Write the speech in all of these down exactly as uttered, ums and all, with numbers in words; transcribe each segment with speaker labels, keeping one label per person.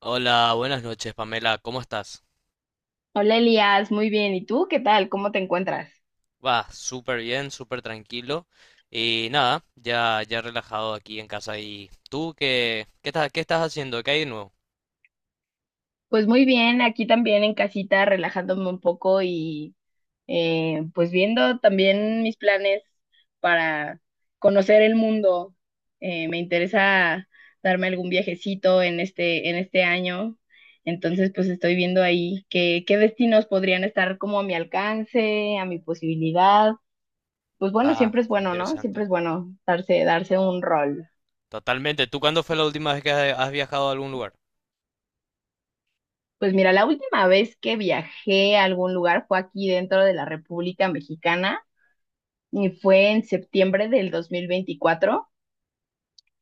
Speaker 1: Hola, buenas noches, Pamela. ¿Cómo estás?
Speaker 2: Hola Elías, muy bien. ¿Y tú qué tal? ¿Cómo te encuentras?
Speaker 1: Va, súper bien, súper tranquilo. Y nada, ya, ya relajado aquí en casa. ¿Y tú qué, qué estás, qué estás haciendo? ¿Qué hay de nuevo?
Speaker 2: Pues muy bien, aquí también en casita, relajándome un poco y eh, pues viendo también mis planes para conocer el mundo. Eh, me interesa darme algún viajecito en este, en este año. Entonces, pues estoy viendo ahí qué, qué destinos podrían estar como a mi alcance, a mi posibilidad. Pues bueno,
Speaker 1: Ah,
Speaker 2: siempre es
Speaker 1: qué
Speaker 2: bueno, ¿no? Siempre
Speaker 1: interesante.
Speaker 2: es bueno darse, darse un rol.
Speaker 1: Totalmente. ¿Tú cuándo fue la última vez que has has viajado a algún lugar?
Speaker 2: Pues mira, la última vez que viajé a algún lugar fue aquí dentro de la República Mexicana y fue en septiembre del dos mil veinticuatro.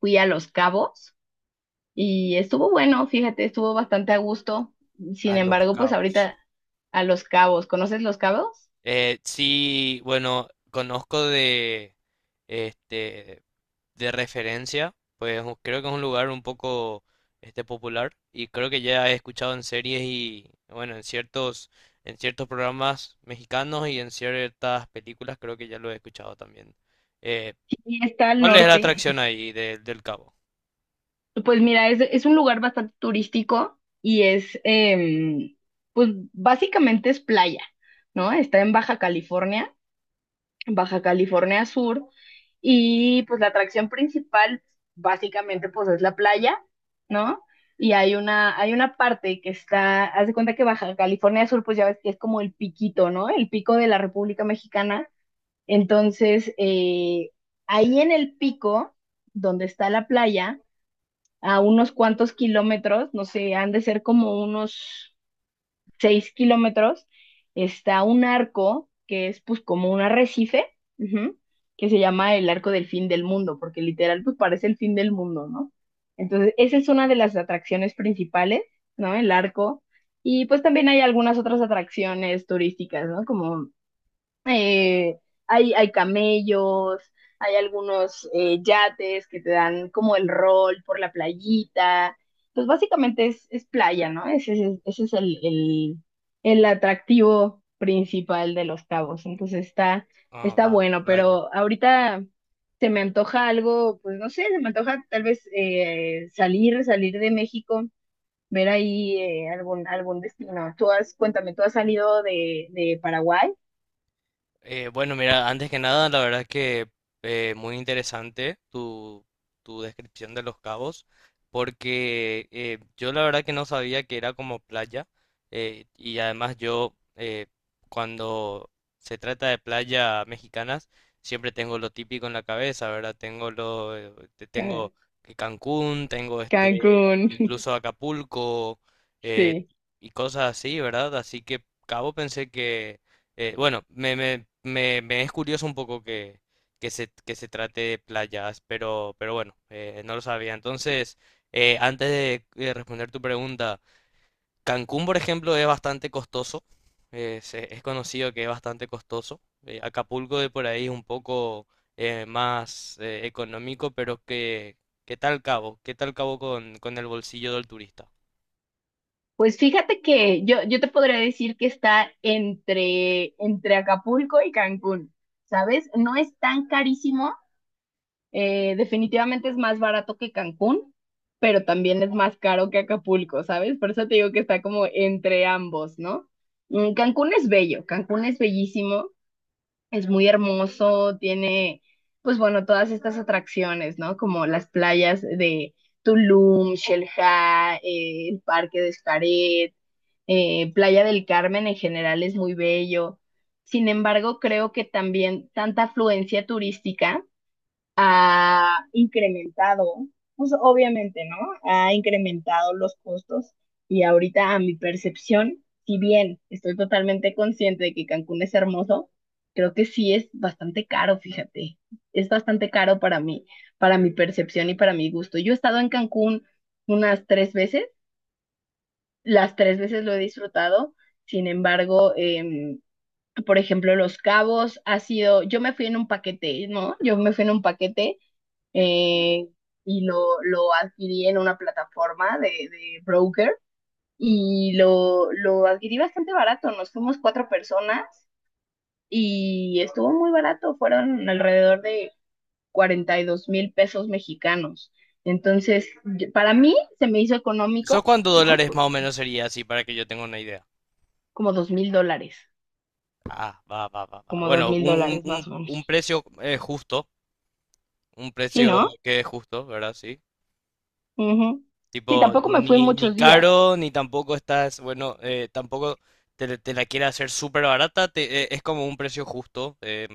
Speaker 2: Fui a Los Cabos y estuvo bueno, fíjate, estuvo bastante a gusto. Sin
Speaker 1: A Los
Speaker 2: embargo, pues
Speaker 1: Cabos.
Speaker 2: ahorita a Los Cabos, ¿conoces Los Cabos?
Speaker 1: Eh, sí, bueno, conozco de, este, de referencia, pues u- creo que es un lugar un poco, este, popular y creo que ya he escuchado en series y, bueno, en ciertos, en ciertos programas mexicanos y en ciertas películas creo que ya lo he escuchado también. Eh,
Speaker 2: Sí, está al
Speaker 1: ¿cuál es la
Speaker 2: norte.
Speaker 1: atracción ahí de- del Cabo?
Speaker 2: Pues mira, es, es un lugar bastante turístico y es, em, pues básicamente es playa, ¿no? Está en Baja California Baja California Sur. Y pues la atracción principal básicamente pues es la playa, ¿no? Y hay una, hay una parte que está, haz de cuenta que Baja California Sur pues ya ves que es como el piquito, ¿no? El pico de la República Mexicana. Entonces, eh, ahí en el pico, donde está la playa, a unos cuantos kilómetros, no sé, han de ser como unos seis kilómetros, está un arco que es pues como un arrecife, ujú, que se llama el arco del fin del mundo, porque literal pues parece el fin del mundo, ¿no? Entonces, esa es una de las atracciones principales, ¿no? El arco. Y pues también hay algunas otras atracciones turísticas, ¿no? Como eh, hay, hay camellos, hay algunos eh, yates que te dan como el rol por la playita. Pues básicamente es, es playa, ¿no? Ese, es- ese es el, el, el atractivo principal de Los Cabos. Entonces está,
Speaker 1: Ah,
Speaker 2: está
Speaker 1: va,
Speaker 2: bueno,
Speaker 1: vaya.
Speaker 2: pero ahorita se me antoja algo, pues no sé, se me antoja tal vez eh, salir, salir de México, ver ahí eh, algún, algún destino. Tú has, cuéntame, ¿tú has salido de, de Paraguay?
Speaker 1: Eh, bueno, mira, antes que nada, la verdad que eh, muy interesante tu, tu descripción de Los Cabos, porque eh, yo la verdad que no sabía que era como playa, eh, y además yo eh, cuando se trata de playa mexicanas, siempre tengo lo típico en la cabeza, ¿verdad? Tengo lo, eh, te- tengo que Cancún, tengo este,
Speaker 2: Cancún,
Speaker 1: incluso Acapulco, eh,
Speaker 2: sí.
Speaker 1: y cosas así, ¿verdad? Así que Cabo pensé que eh, bueno, me, me, me- me es curioso un poco que, que se, que se trate de playas, pero, pero bueno, eh, no lo sabía. Entonces, eh, antes de, eh, responder tu pregunta, Cancún, por ejemplo, es bastante costoso. Eh, se- es conocido que es bastante costoso. eh, Acapulco de por ahí es un poco eh, más eh, económico, pero que, ¿qué tal Cabo? ¿Qué tal Cabo con, con el bolsillo del turista?
Speaker 2: Pues fíjate que yo, yo te podría decir que está entre, entre Acapulco y Cancún, ¿sabes? No es tan carísimo, eh, definitivamente es más barato que Cancún, pero también es más caro que Acapulco, ¿sabes? Por eso te digo que está como entre ambos, ¿no? Mm, Cancún es bello, Cancún es bellísimo. Es muy hermoso, tiene, pues bueno, todas estas atracciones, ¿no? Como las playas de Tulum, Xelha, eh, el Parque de Xcaret, eh, Playa del Carmen en general es muy bello. Sin embargo, creo que también tanta afluencia turística ha incrementado, pues obviamente, ¿no? Ha incrementado los costos y ahorita a mi percepción, si bien estoy totalmente consciente de que Cancún es hermoso, creo que sí es bastante caro, fíjate. Es bastante caro para mí, para mi percepción y para mi gusto. Yo he estado en Cancún unas tres veces, las tres veces lo he disfrutado, sin embargo, em, por ejemplo, Los Cabos ha sido, yo me fui en un paquete, ¿no? Yo me fui en un paquete eh, y lo, lo adquirí en una plataforma de, de broker y lo, lo adquirí bastante barato. Nos fuimos cuatro personas y estuvo muy barato, fueron alrededor de cuarenta y dos mil pesos mexicanos. Entonces, yo- para mí se me hizo
Speaker 1: ¿Eso
Speaker 2: económico,
Speaker 1: cuántos
Speaker 2: ¿no?
Speaker 1: dólares
Speaker 2: Por-
Speaker 1: más o menos sería así para que yo tenga una idea?
Speaker 2: Como dos mil dólares,
Speaker 1: Ah, va, va, va, va.
Speaker 2: como dos
Speaker 1: Bueno,
Speaker 2: mil
Speaker 1: un, un,
Speaker 2: dólares más
Speaker 1: un,
Speaker 2: o
Speaker 1: un
Speaker 2: menos.
Speaker 1: precio eh, justo, un
Speaker 2: Sí,
Speaker 1: precio
Speaker 2: ¿no?
Speaker 1: que es justo, ¿verdad? Sí.
Speaker 2: Ujú. Sí,
Speaker 1: Tipo,
Speaker 2: tampoco me fui
Speaker 1: ni, ni
Speaker 2: muchos días.
Speaker 1: caro, ni tampoco estás, bueno, eh, tampoco te, te la quiere hacer súper barata, te- eh, es como un precio justo, eh,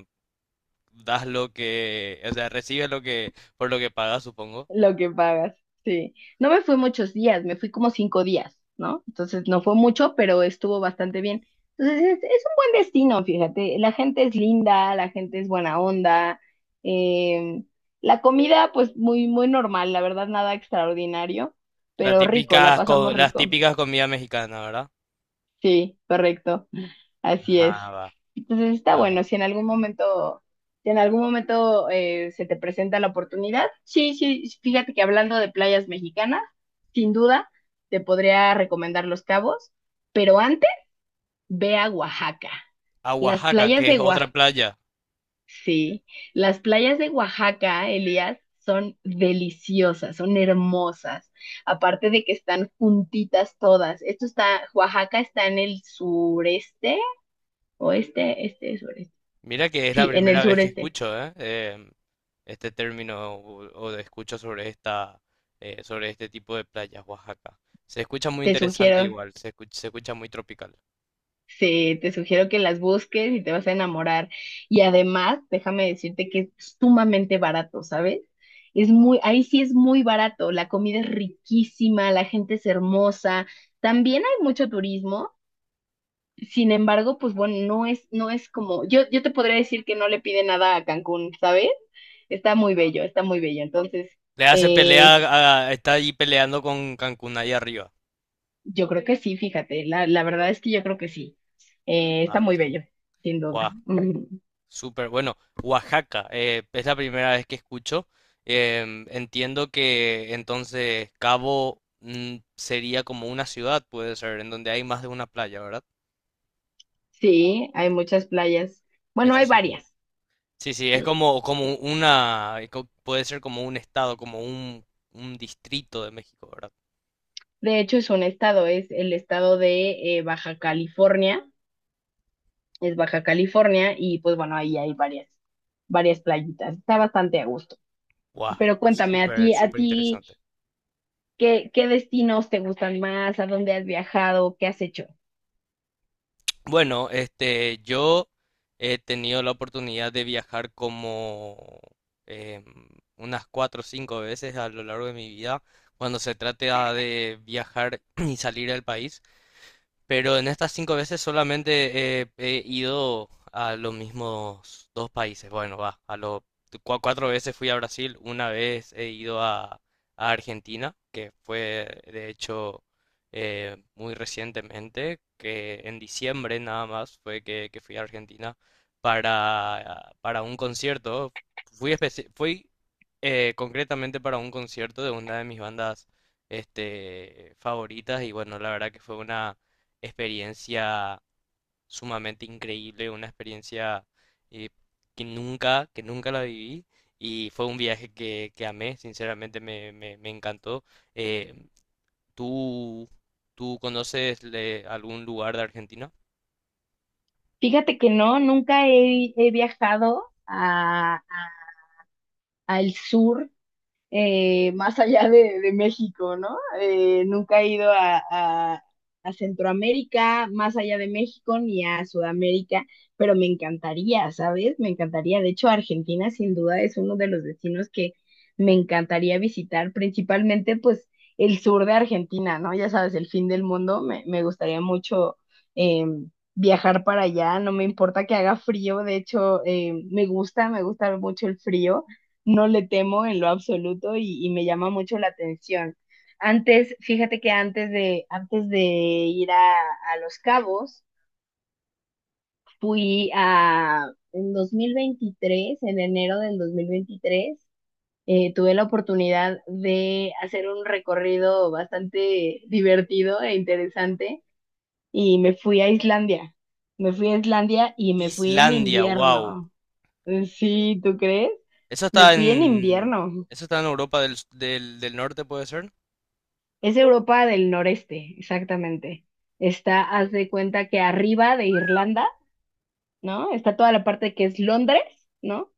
Speaker 1: das lo que, o sea, recibes lo que, por lo que pagas, supongo.
Speaker 2: Lo que pagas, sí. No me fui muchos días, me fui como cinco días, ¿no? Entonces no fue mucho, pero estuvo bastante bien. Entonces es, es un buen destino, fíjate. La gente es linda, la gente es buena onda. eh, la comida, pues muy, muy normal, la verdad, nada extraordinario,
Speaker 1: Las
Speaker 2: pero rico, la
Speaker 1: típicas, co-
Speaker 2: pasamos
Speaker 1: las
Speaker 2: rico.
Speaker 1: típicas comidas mexicanas, ¿verdad?
Speaker 2: Sí, correcto. Así
Speaker 1: Ajá,
Speaker 2: es.
Speaker 1: va,
Speaker 2: Entonces está
Speaker 1: va, va.
Speaker 2: bueno, si en algún momento, si en algún momento eh, se te presenta la oportunidad, sí, sí, fíjate que hablando de playas mexicanas, sin duda te podría recomendar Los Cabos, pero antes ve a Oaxaca.
Speaker 1: A
Speaker 2: Las
Speaker 1: Oaxaca,
Speaker 2: playas
Speaker 1: que es
Speaker 2: de Oaxaca,
Speaker 1: otra playa.
Speaker 2: sí, las playas de Oaxaca, Elías, son deliciosas, son hermosas, aparte de que están juntitas todas. Esto está, Oaxaca está en el sureste, oeste, este, sureste.
Speaker 1: Mira que es la
Speaker 2: Sí, en el
Speaker 1: primera vez que
Speaker 2: sureste.
Speaker 1: escucho, ¿eh? Eh, este término o, o de escucho sobre esta, eh, sobre este tipo de playas, Oaxaca. Se escucha muy
Speaker 2: Te
Speaker 1: interesante
Speaker 2: sugiero,
Speaker 1: igual, se escucha, se escucha muy tropical.
Speaker 2: sí, te sugiero que las busques y te vas a enamorar. Y además, déjame decirte que es sumamente barato, ¿sabes? Es muy, ahí sí es muy barato. La comida es riquísima, la gente es hermosa. También hay mucho turismo. Sin embargo, pues bueno, no es, no es como, yo, yo te podría decir que no le pide nada a Cancún, ¿sabes? Está muy bello, está muy bello. Entonces,
Speaker 1: Le hace Sí,
Speaker 2: eh,
Speaker 1: pelea, Sí, a- está ahí peleando con Cancún ahí arriba.
Speaker 2: yo creo que sí, fíjate, la, la verdad es que yo creo que sí. Eh, está
Speaker 1: Ah,
Speaker 2: muy
Speaker 1: qué
Speaker 2: bello, sin
Speaker 1: guau,
Speaker 2: duda. Mm,
Speaker 1: súper bueno. Oaxaca, eh, es la primera vez que escucho. Em, entiendo que entonces Cabo mm, sería como una ciudad, puede ser, en donde hay más de una playa, ¿verdad?
Speaker 2: sí, hay muchas playas. Bueno,
Speaker 1: Eso
Speaker 2: hay
Speaker 1: sí.
Speaker 2: varias.
Speaker 1: Sí, sí, es
Speaker 2: Sí.
Speaker 1: como, como una, eh, co- puede ser como un estado, como un, un distrito de México, ¿verdad?
Speaker 2: De hecho, es un estado, es el estado de eh, Baja California, es Baja California y pues bueno, ahí hay varias, varias playitas. Está bastante a gusto.
Speaker 1: Guau,
Speaker 2: Pero cuéntame, a
Speaker 1: súper,
Speaker 2: ti, a
Speaker 1: súper
Speaker 2: ti,
Speaker 1: interesante.
Speaker 2: ¿qué, qué destinos te gustan más? ¿A dónde has viajado? ¿Qué has hecho?
Speaker 1: Bueno, este, yo he tenido la oportunidad de viajar como em, unas cuatro o cinco veces a lo largo de mi vida, cuando se trata de viajar y salir del país. Pero en estas cinco veces solamente eh, he ido a los mismos dos países. Bueno, va, a los cua- cuatro veces fui a Brasil, una vez he ido a, a Argentina, que fue de hecho eh, muy recientemente, que en diciembre nada más fue que, que fui a Argentina para, para un concierto. Fui, especi- fui eh, concretamente para un concierto de una de mis bandas este, favoritas y bueno, la verdad que fue una experiencia sumamente increíble, una experiencia eh, que nunca, que nunca la viví y fue un viaje que, que amé, sinceramente me, me- me encantó. Eh, ¿tú, tú conoces le- algún lugar de Argentina?
Speaker 2: Fíjate que no, nunca he, he viajado a- al sur eh, más allá de, de México, ¿no? Eh, nunca he ido a, a- a Centroamérica, más allá de México, ni a Sudamérica, pero me encantaría, ¿sabes? Me encantaría. De hecho, Argentina sin duda es uno de los destinos que me encantaría visitar, principalmente pues el sur de Argentina, ¿no? Ya sabes, el fin del mundo, me, me gustaría mucho. em, Viajar para allá, no me importa que haga frío, de hecho, em, me gusta, me gusta mucho el frío, no le temo en lo absoluto y, y me llama mucho la atención. Antes, fíjate que antes de, antes de ir a, a Los Cabos, fui a, en dos mil veintitrés en enero del dos mil veintitrés, eh, tuve la oportunidad de hacer un recorrido bastante divertido e interesante y me fui a Islandia. Me fui a Islandia y me fui en
Speaker 1: Islandia, wow.
Speaker 2: invierno. Sí, ¿tú crees?
Speaker 1: Eso
Speaker 2: Me
Speaker 1: está
Speaker 2: fui en
Speaker 1: en,
Speaker 2: invierno.
Speaker 1: eso está en Europa del, s- del, del Norte, ¿puede ser?
Speaker 2: Es Europa del noreste, exactamente. Está, haz de cuenta que arriba de Irlanda, ¿no? Está toda la parte que es Londres, ¿no?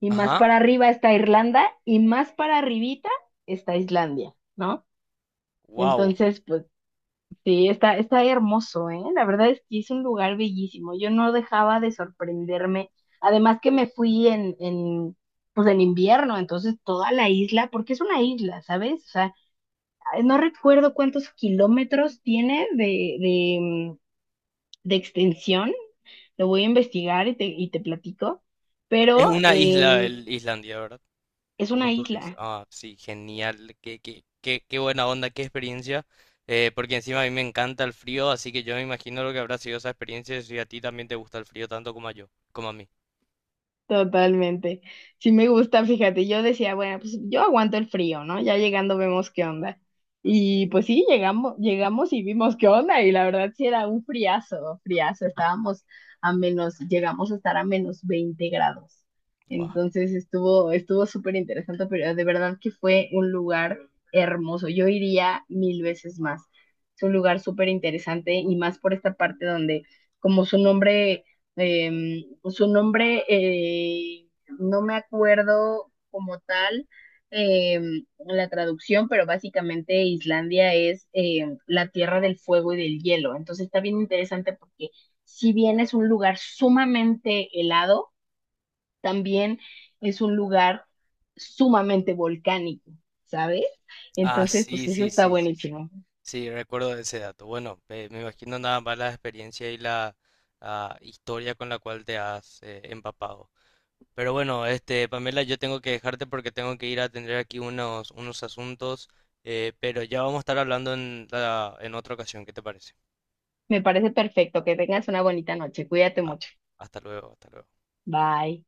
Speaker 2: Y más
Speaker 1: Ajá,
Speaker 2: para arriba está Irlanda y más para arribita está Islandia, ¿no?
Speaker 1: wow.
Speaker 2: Entonces, pues sí, está, está hermoso, ¿eh? La verdad es que es un lugar bellísimo. Yo no dejaba de sorprenderme. Además que me fui en, en, pues en invierno, entonces toda la isla, porque es una isla, ¿sabes? O sea, no recuerdo cuántos kilómetros tiene de, de, mm, de extensión, lo voy a investigar y te, y te platico,
Speaker 1: Es
Speaker 2: pero
Speaker 1: una isla,
Speaker 2: em,
Speaker 1: el Islandia, ¿verdad?
Speaker 2: es
Speaker 1: Como
Speaker 2: una
Speaker 1: tú dices,
Speaker 2: isla.
Speaker 1: ah, sí, genial, qué, qué, qué, qué buena onda, qué experiencia, eh, porque encima a mí me encanta el frío, así que yo me imagino lo que habrá sido esa experiencia si a ti también te gusta el frío tanto como a yo, como a mí.
Speaker 2: Totalmente. Sí me gusta, fíjate, yo decía, bueno, pues yo aguanto el frío, ¿no? Ya llegando vemos qué onda. Y pues sí, llegamos, llegamos y vimos qué onda, y la verdad sí era un friazo, friazo, estábamos a menos, llegamos a estar a menos veinte grados.
Speaker 1: Guau.
Speaker 2: Entonces estuvo, estuvo súper interesante, pero de verdad que fue un lugar hermoso. Yo iría mil veces más. Es un lugar súper interesante y más por esta parte donde, como su nombre eh, su nombre, eh, no me acuerdo como tal eh, la traducción, pero básicamente Islandia es eh, la tierra del fuego y del hielo. Entonces está bien interesante porque si bien es un lugar sumamente helado, también es un lugar sumamente volcánico, ¿sabes?
Speaker 1: Ah,
Speaker 2: Entonces, pues
Speaker 1: sí,
Speaker 2: eso
Speaker 1: sí,
Speaker 2: está
Speaker 1: sí, sí, sí.
Speaker 2: buenísimo.
Speaker 1: Sí, recuerdo ese dato. Bueno, eh, me imagino nada más la experiencia y la ah, historia con la cual te has eh, empapado. Pero bueno, este, Pamela, yo tengo que dejarte porque tengo que ir a atender aquí unos, unos asuntos, eh, pero ya vamos a estar hablando en, la- en otra ocasión, ¿qué te parece?
Speaker 2: Me parece perfecto. Que tengas una bonita noche. Cuídate
Speaker 1: Ah,
Speaker 2: mucho.
Speaker 1: hasta luego, hasta luego.
Speaker 2: Bye.